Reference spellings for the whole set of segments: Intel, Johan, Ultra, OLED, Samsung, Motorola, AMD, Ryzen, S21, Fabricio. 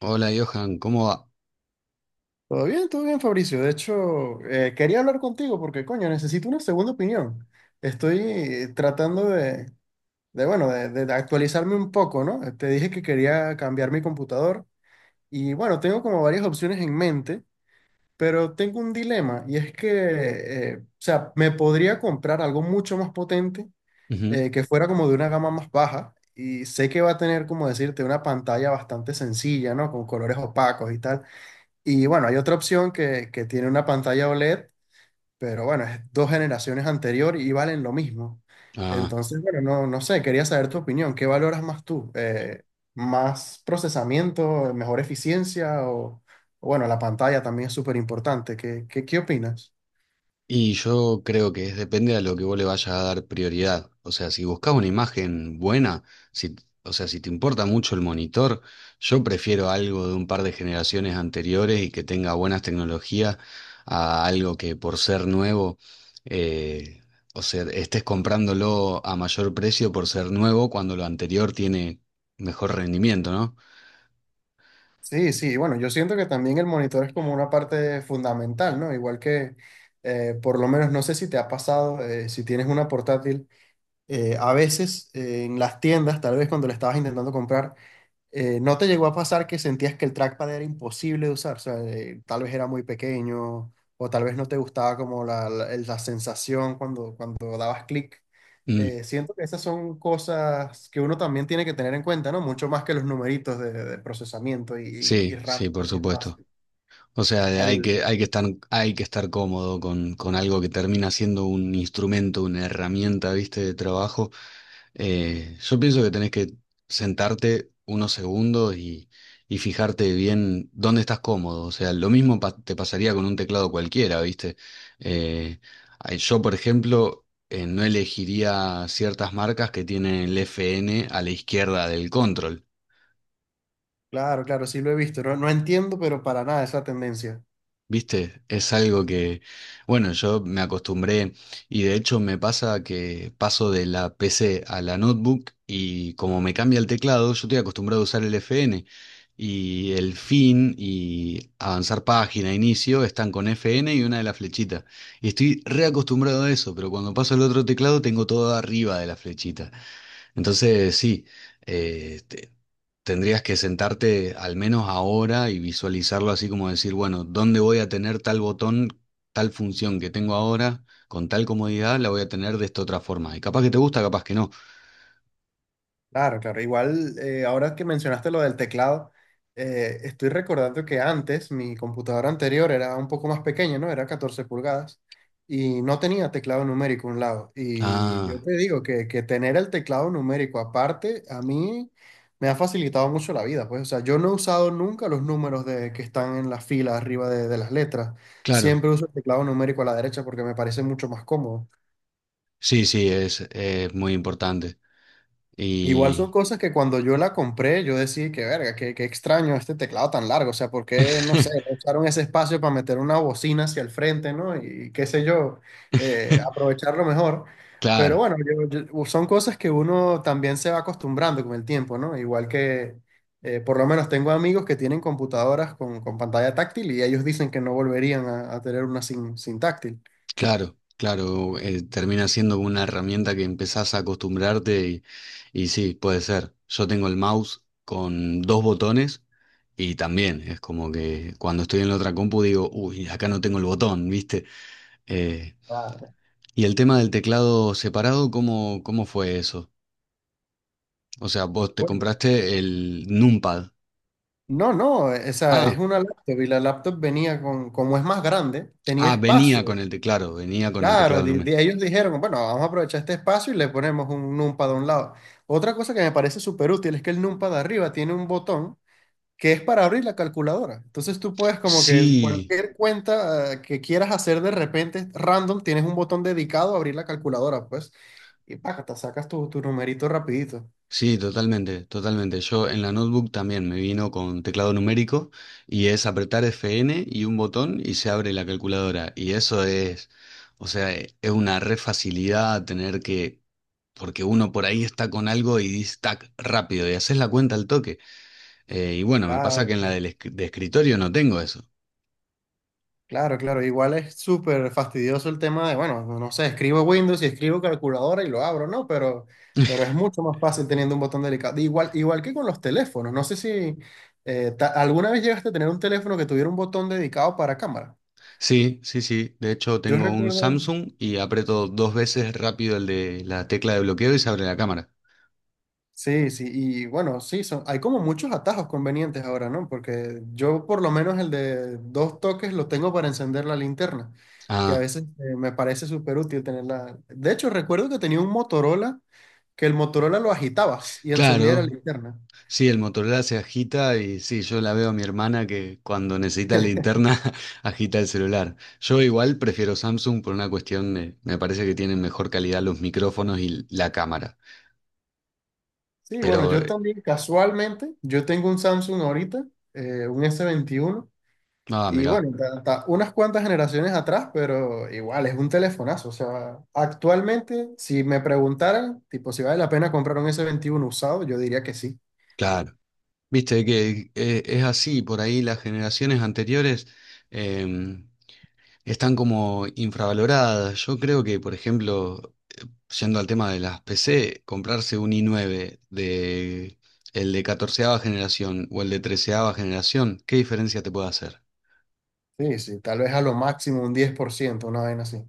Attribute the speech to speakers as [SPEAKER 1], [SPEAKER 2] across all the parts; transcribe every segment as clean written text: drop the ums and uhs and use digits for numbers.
[SPEAKER 1] Hola Johan, ¿cómo va?
[SPEAKER 2] Todo bien, Fabricio. De hecho, quería hablar contigo porque, coño, necesito una segunda opinión. Estoy tratando bueno, de actualizarme un poco, ¿no? Te dije que quería cambiar mi computador y, bueno, tengo como varias opciones en mente, pero tengo un dilema y es que, o sea, me podría comprar algo mucho más potente
[SPEAKER 1] Ujú.
[SPEAKER 2] que fuera como de una gama más baja y sé que va a tener, como decirte, una pantalla bastante sencilla, ¿no? Con colores opacos y tal. Y bueno, hay otra opción que tiene una pantalla OLED, pero bueno, es dos generaciones anterior y valen lo mismo.
[SPEAKER 1] Ah,
[SPEAKER 2] Entonces, bueno, no, no sé, quería saber tu opinión. ¿Qué valoras más tú? ¿Más procesamiento, mejor eficiencia? O, bueno, la pantalla también es súper importante. ¿Qué opinas?
[SPEAKER 1] y yo creo que es depende a lo que vos le vayas a dar prioridad. O sea, si buscas una imagen buena, si, o sea, si te importa mucho el monitor, yo prefiero algo de un par de generaciones anteriores y que tenga buenas tecnologías a algo que por ser nuevo, eh, o sea, estés comprándolo a mayor precio por ser nuevo cuando lo anterior tiene mejor rendimiento, ¿no?
[SPEAKER 2] Sí, sí, bueno, yo siento que también el monitor es como una parte fundamental, ¿no? Igual que, por lo menos, no sé si te ha pasado, si tienes una portátil. A veces en las tiendas, tal vez cuando la estabas intentando comprar, ¿no te llegó a pasar que sentías que el trackpad era imposible de usar? O sea, tal vez era muy pequeño o tal vez no te gustaba como la sensación cuando, dabas clic.
[SPEAKER 1] Mm,
[SPEAKER 2] Siento que esas son cosas que uno también tiene que tener en cuenta, ¿no? Mucho más que los numeritos de procesamiento y, y,
[SPEAKER 1] sí,
[SPEAKER 2] y RAM
[SPEAKER 1] sí, por
[SPEAKER 2] y
[SPEAKER 1] supuesto.
[SPEAKER 2] espacio.
[SPEAKER 1] O sea,
[SPEAKER 2] Al,
[SPEAKER 1] hay que estar cómodo con algo que termina siendo un instrumento, una herramienta, ¿viste? De trabajo. Yo pienso que tenés que sentarte unos segundos y fijarte bien dónde estás cómodo. O sea, lo mismo te pasaría con un teclado cualquiera, ¿viste? Eh, ay, yo, por ejemplo, no elegiría ciertas marcas que tienen el FN a la izquierda del control.
[SPEAKER 2] claro, claro, sí lo he visto. No, no entiendo, pero para nada esa tendencia.
[SPEAKER 1] ¿Viste? Es algo que, bueno, yo me acostumbré y de hecho me pasa que paso de la PC a la notebook y como me cambia el teclado, yo estoy acostumbrado a usar el FN y el fin y avanzar página, inicio, están con FN y una de las flechitas. Y estoy reacostumbrado a eso, pero cuando paso al otro teclado tengo todo arriba de la flechita. Entonces, sí, eh, te- tendrías que sentarte al menos ahora y visualizarlo así como decir, bueno, ¿dónde voy a tener tal botón, tal función que tengo ahora, con tal comodidad, la voy a tener de esta otra forma? Y capaz que te gusta, capaz que no.
[SPEAKER 2] Claro, claro. Igual, ahora que mencionaste lo del teclado, estoy recordando que antes mi computadora anterior era un poco más pequeña, ¿no? Era 14 pulgadas y no tenía teclado numérico a un lado. Y yo
[SPEAKER 1] Ah,
[SPEAKER 2] te digo que tener el teclado numérico aparte, a mí me ha facilitado mucho la vida. Pues, o sea, yo no he usado nunca los números de, que están en la fila arriba de las letras.
[SPEAKER 1] claro.
[SPEAKER 2] Siempre uso el teclado numérico a la derecha porque me parece mucho más cómodo.
[SPEAKER 1] Sí, sí, es muy importante.
[SPEAKER 2] Igual son
[SPEAKER 1] Y...
[SPEAKER 2] cosas que cuando yo la compré, yo decía que verga, qué extraño este teclado tan largo. O sea, ¿por qué no sé, no usaron ese espacio para meter una bocina hacia el frente, no Y qué sé yo, aprovecharlo mejor. Pero
[SPEAKER 1] Claro.
[SPEAKER 2] bueno, son cosas que uno también se va acostumbrando con el tiempo, ¿no? Igual que, por lo menos tengo amigos que tienen computadoras con pantalla táctil y ellos dicen que no volverían a, tener una sin, táctil.
[SPEAKER 1] Claro, claro, termina siendo una herramienta que empezás a acostumbrarte y sí, puede ser. Yo tengo el mouse con dos botones y también es como que cuando estoy en la otra compu digo, uy, acá no tengo el botón, ¿viste? Eh,
[SPEAKER 2] Claro.
[SPEAKER 1] y el tema del teclado separado, ¿cómo fue eso? O sea, vos te compraste el Numpad.
[SPEAKER 2] No, no, o es
[SPEAKER 1] Ah,
[SPEAKER 2] una laptop y la laptop venía con, como es más grande, tenía
[SPEAKER 1] ah,
[SPEAKER 2] espacio.
[SPEAKER 1] venía con el teclado, venía con el
[SPEAKER 2] Claro,
[SPEAKER 1] teclado
[SPEAKER 2] de,
[SPEAKER 1] numérico.
[SPEAKER 2] ellos dijeron, bueno, vamos a aprovechar este espacio y le ponemos un numpad a un lado. Otra cosa que me parece súper útil es que el numpad de arriba tiene un botón que es para abrir la calculadora. Entonces tú puedes como que
[SPEAKER 1] Sí.
[SPEAKER 2] cualquier cuenta que quieras hacer de repente, random, tienes un botón dedicado a abrir la calculadora, pues, y págata, sacas tu, numerito rapidito.
[SPEAKER 1] Sí, totalmente, totalmente. Yo en la notebook también me vino con teclado numérico y es apretar Fn y un botón y se abre la calculadora. Y eso es, o sea, es una re facilidad porque uno por ahí está con algo y dice tac rápido y haces la cuenta al toque. Y bueno, me pasa
[SPEAKER 2] Claro,
[SPEAKER 1] que en la
[SPEAKER 2] claro.
[SPEAKER 1] de escritorio no tengo eso.
[SPEAKER 2] Claro, claro, igual es súper fastidioso el tema de, bueno, no sé, escribo Windows y escribo calculadora y lo abro, ¿no? Pero es mucho más fácil teniendo un botón delicado. Igual, igual que con los teléfonos, no sé si alguna vez llegaste a tener un teléfono que tuviera un botón dedicado para cámara.
[SPEAKER 1] Sí, sí, sí. De hecho,
[SPEAKER 2] Yo
[SPEAKER 1] tengo un
[SPEAKER 2] recuerdo,
[SPEAKER 1] Samsung y aprieto dos veces rápido el de la tecla de bloqueo y se abre la cámara.
[SPEAKER 2] sí, sí, y bueno, sí, son, hay como muchos atajos convenientes ahora, ¿no? Porque yo por lo menos el de dos toques lo tengo para encender la linterna, que a
[SPEAKER 1] Ah,
[SPEAKER 2] veces me parece súper útil tenerla. De hecho, recuerdo que tenía un Motorola que el Motorola lo agitabas y encendía la
[SPEAKER 1] claro.
[SPEAKER 2] linterna.
[SPEAKER 1] Sí, el Motorola se agita y sí, yo la veo a mi hermana que cuando necesita linterna agita el celular. Yo igual prefiero Samsung por una cuestión de, me parece que tienen mejor calidad los micrófonos y la cámara.
[SPEAKER 2] Sí, bueno,
[SPEAKER 1] Pero,
[SPEAKER 2] yo también casualmente, yo tengo un Samsung ahorita, un S21
[SPEAKER 1] ah,
[SPEAKER 2] y
[SPEAKER 1] mirá,
[SPEAKER 2] bueno, hasta unas cuantas generaciones atrás, pero igual es un telefonazo. O sea, actualmente, si me preguntaran, tipo, si vale la pena comprar un S21 usado, yo diría que sí.
[SPEAKER 1] claro. Viste que es así, por ahí las generaciones anteriores eh, están como infravaloradas. Yo creo que, por ejemplo, yendo al tema de las PC, comprarse un i9 de el de catorceava generación o el de treceava generación, ¿qué diferencia te puede hacer?
[SPEAKER 2] Sí, sí, tal vez a lo máximo un 10%, una vaina así.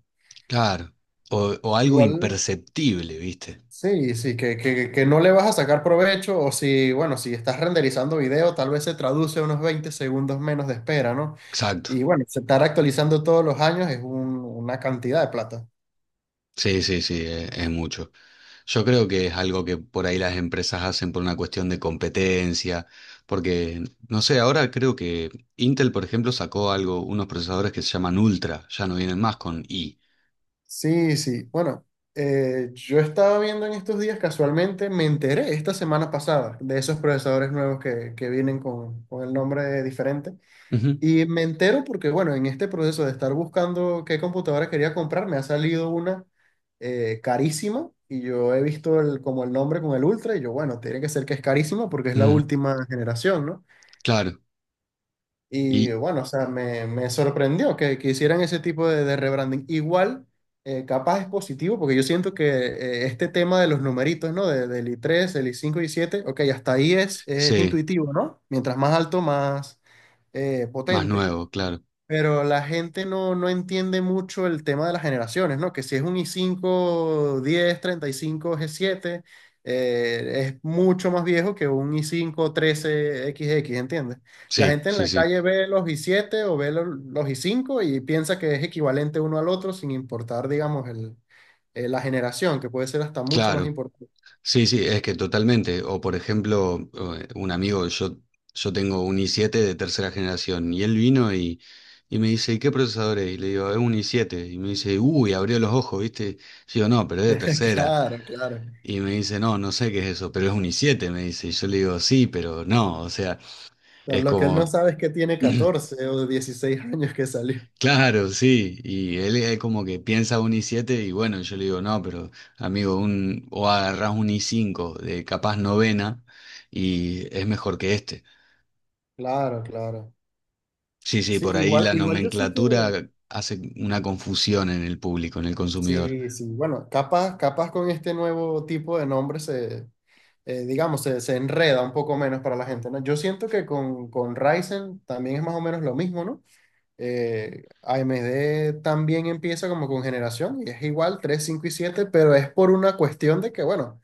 [SPEAKER 1] Claro. O algo
[SPEAKER 2] Igual,
[SPEAKER 1] imperceptible, ¿viste?
[SPEAKER 2] sí, sí, que no le vas a sacar provecho o si, bueno, si estás renderizando video, tal vez se traduce unos 20 segundos menos de espera, ¿no?
[SPEAKER 1] Exacto.
[SPEAKER 2] Y bueno, se estar actualizando todos los años es una cantidad de plata.
[SPEAKER 1] Sí, sí, sí, es mucho. Yo creo que es algo que por ahí las empresas hacen por una cuestión de competencia, porque, no sé, ahora creo que Intel, por ejemplo, sacó algo, unos procesadores que se llaman Ultra, ya no vienen más con i.
[SPEAKER 2] Sí, sí, bueno, yo estaba viendo en estos días, casualmente me enteré esta semana pasada de esos procesadores nuevos que vienen con, el nombre diferente.
[SPEAKER 1] Ujú,
[SPEAKER 2] Y me entero porque, bueno, en este proceso de estar buscando qué computadora quería comprar, me ha salido una carísima y yo he visto el, como el nombre con el Ultra y yo, bueno, tiene que ser que es carísima porque es la
[SPEAKER 1] ujú,
[SPEAKER 2] última generación, ¿no?
[SPEAKER 1] claro.
[SPEAKER 2] Y
[SPEAKER 1] Y
[SPEAKER 2] bueno, o sea, me sorprendió que hicieran ese tipo de rebranding. Igual, capaz es positivo porque yo siento que este tema de los numeritos, ¿no? Del i3 el i5 y siete 7 ok, hasta ahí es
[SPEAKER 1] sí,
[SPEAKER 2] intuitivo, ¿no? Mientras más alto, más
[SPEAKER 1] más
[SPEAKER 2] potente.
[SPEAKER 1] nuevo, claro.
[SPEAKER 2] Pero la gente no entiende mucho el tema de las generaciones, ¿no? Que si es un i cinco diez treinta y cinco g siete es mucho más viejo que un i cinco trece 13 XX, ¿entiendes? La
[SPEAKER 1] Sí,
[SPEAKER 2] gente en
[SPEAKER 1] sí,
[SPEAKER 2] la
[SPEAKER 1] sí.
[SPEAKER 2] calle ve los i siete o ve los i cinco y piensa que es equivalente uno al otro sin importar, digamos, la generación, que puede ser hasta mucho más
[SPEAKER 1] Claro.
[SPEAKER 2] importante.
[SPEAKER 1] Sí, sí, es que totalmente. O por ejemplo, un amigo, yo tengo un i7 de tercera generación y él vino y me dice, ¿y qué procesador es? Y le digo, es un i7. Y me dice, uy, abrió los ojos, ¿viste? Yo digo, no, pero es de tercera.
[SPEAKER 2] Claro, claro.
[SPEAKER 1] Y me dice, no, no sé qué es eso, pero es un i7, me dice. Y yo le digo, sí, pero no. O sea,
[SPEAKER 2] O
[SPEAKER 1] es
[SPEAKER 2] lo que él no
[SPEAKER 1] como...
[SPEAKER 2] sabe es que tiene 14 o 16 años que salió.
[SPEAKER 1] Claro, sí, y él es como que piensa un i siete y bueno, yo le digo, no, pero amigo, o agarrás un i cinco de capaz novena y es mejor que este.
[SPEAKER 2] Claro, claro.
[SPEAKER 1] Sí, sí,
[SPEAKER 2] Sí,
[SPEAKER 1] por ahí
[SPEAKER 2] igual,
[SPEAKER 1] la
[SPEAKER 2] igual yo sí que,
[SPEAKER 1] nomenclatura hace una confusión en el público, en el consumidor.
[SPEAKER 2] sí, sí, bueno, capaz, capaz con este nuevo tipo de nombre digamos, se enreda un poco menos para la gente, ¿no? Yo siento que con, Ryzen también es más o menos lo mismo, ¿no? AMD también empieza como con generación y es igual 3 5 y 7 pero es por una cuestión de que, bueno,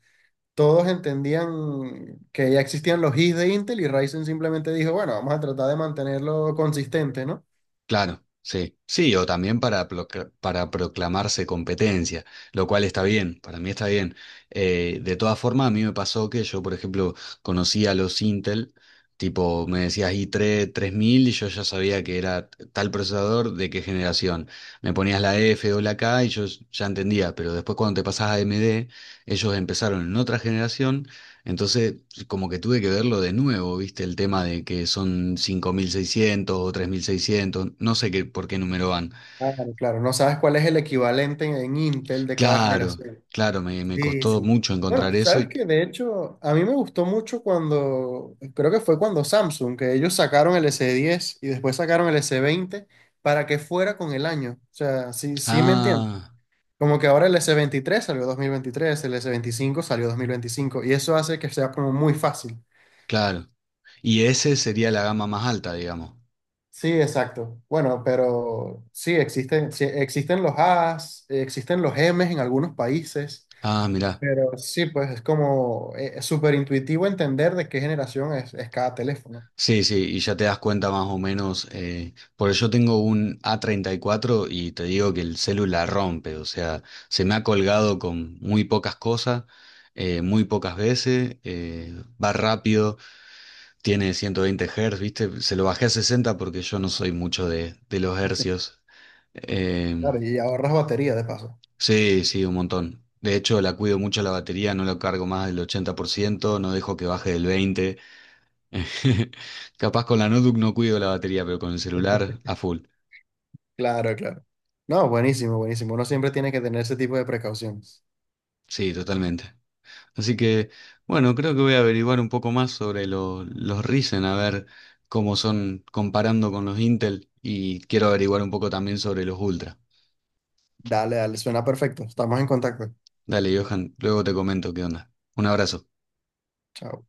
[SPEAKER 2] todos entendían que ya existían los Is de Intel y Ryzen simplemente dijo, bueno, vamos a tratar de mantenerlo consistente, ¿no?
[SPEAKER 1] Claro, sí. Sí, o también para proclamarse competencia, lo cual está bien, para mí está bien. De todas formas, a mí me pasó que yo, por ejemplo, conocía a los Intel, tipo, me decías i3 3000 y yo ya sabía que era tal procesador de qué generación. Me ponías la F o la K y yo ya entendía, pero después cuando te pasás a AMD, ellos empezaron en otra generación entonces, como que tuve que verlo de nuevo, ¿viste? El tema de que son 5600 o 3600 no sé qué, por qué número van.
[SPEAKER 2] Claro, claro, no sabes cuál es el equivalente en Intel de cada
[SPEAKER 1] Claro,
[SPEAKER 2] generación.
[SPEAKER 1] claro, me
[SPEAKER 2] Sí,
[SPEAKER 1] costó
[SPEAKER 2] sí.
[SPEAKER 1] mucho
[SPEAKER 2] Bueno,
[SPEAKER 1] encontrar eso
[SPEAKER 2] sabes
[SPEAKER 1] y...
[SPEAKER 2] que de hecho a mí me gustó mucho cuando, creo que fue cuando Samsung, que ellos sacaron el S10 y después sacaron el S20 para que fuera con el año. O sea, sí, sí me entiendes.
[SPEAKER 1] Ah,
[SPEAKER 2] Como que ahora el S23 salió 2023, el S25 salió 2025 y eso hace que sea como muy fácil.
[SPEAKER 1] claro. Y ese sería la gama más alta, digamos.
[SPEAKER 2] Sí, exacto. Bueno, pero sí, existen los As, existen los Ms en algunos países.
[SPEAKER 1] Ah, mirá.
[SPEAKER 2] Pero sí, pues es como, es súper intuitivo entender de qué generación es cada teléfono.
[SPEAKER 1] Sí, sí, y ya te das cuenta más o menos. Porque yo tengo un A34 y cuatro y te digo que el celular rompe, o sea, se me ha colgado con muy pocas cosas, muy pocas veces, va rápido, tiene 120 Hz, ¿viste? Se lo bajé a 60 porque yo no soy mucho de, los hercios. Eh,
[SPEAKER 2] Claro, y ahorras batería de paso.
[SPEAKER 1] sí, sí, un montón. De hecho, la cuido mucho la batería, no la cargo más del 80%, no dejo que baje del 20%. Capaz con la notebook no cuido la batería, pero con el celular a full.
[SPEAKER 2] Claro, claro. No, buenísimo, buenísimo. Uno siempre tiene que tener ese tipo de precauciones.
[SPEAKER 1] Sí, totalmente. Así que, bueno, creo que voy a averiguar un poco más sobre los Ryzen, a ver cómo son comparando con los Intel y quiero averiguar un poco también sobre los Ultra.
[SPEAKER 2] Dale, dale, suena perfecto. Estamos en contacto.
[SPEAKER 1] Dale, Johan, luego te comento qué onda. Un abrazo.
[SPEAKER 2] Chao.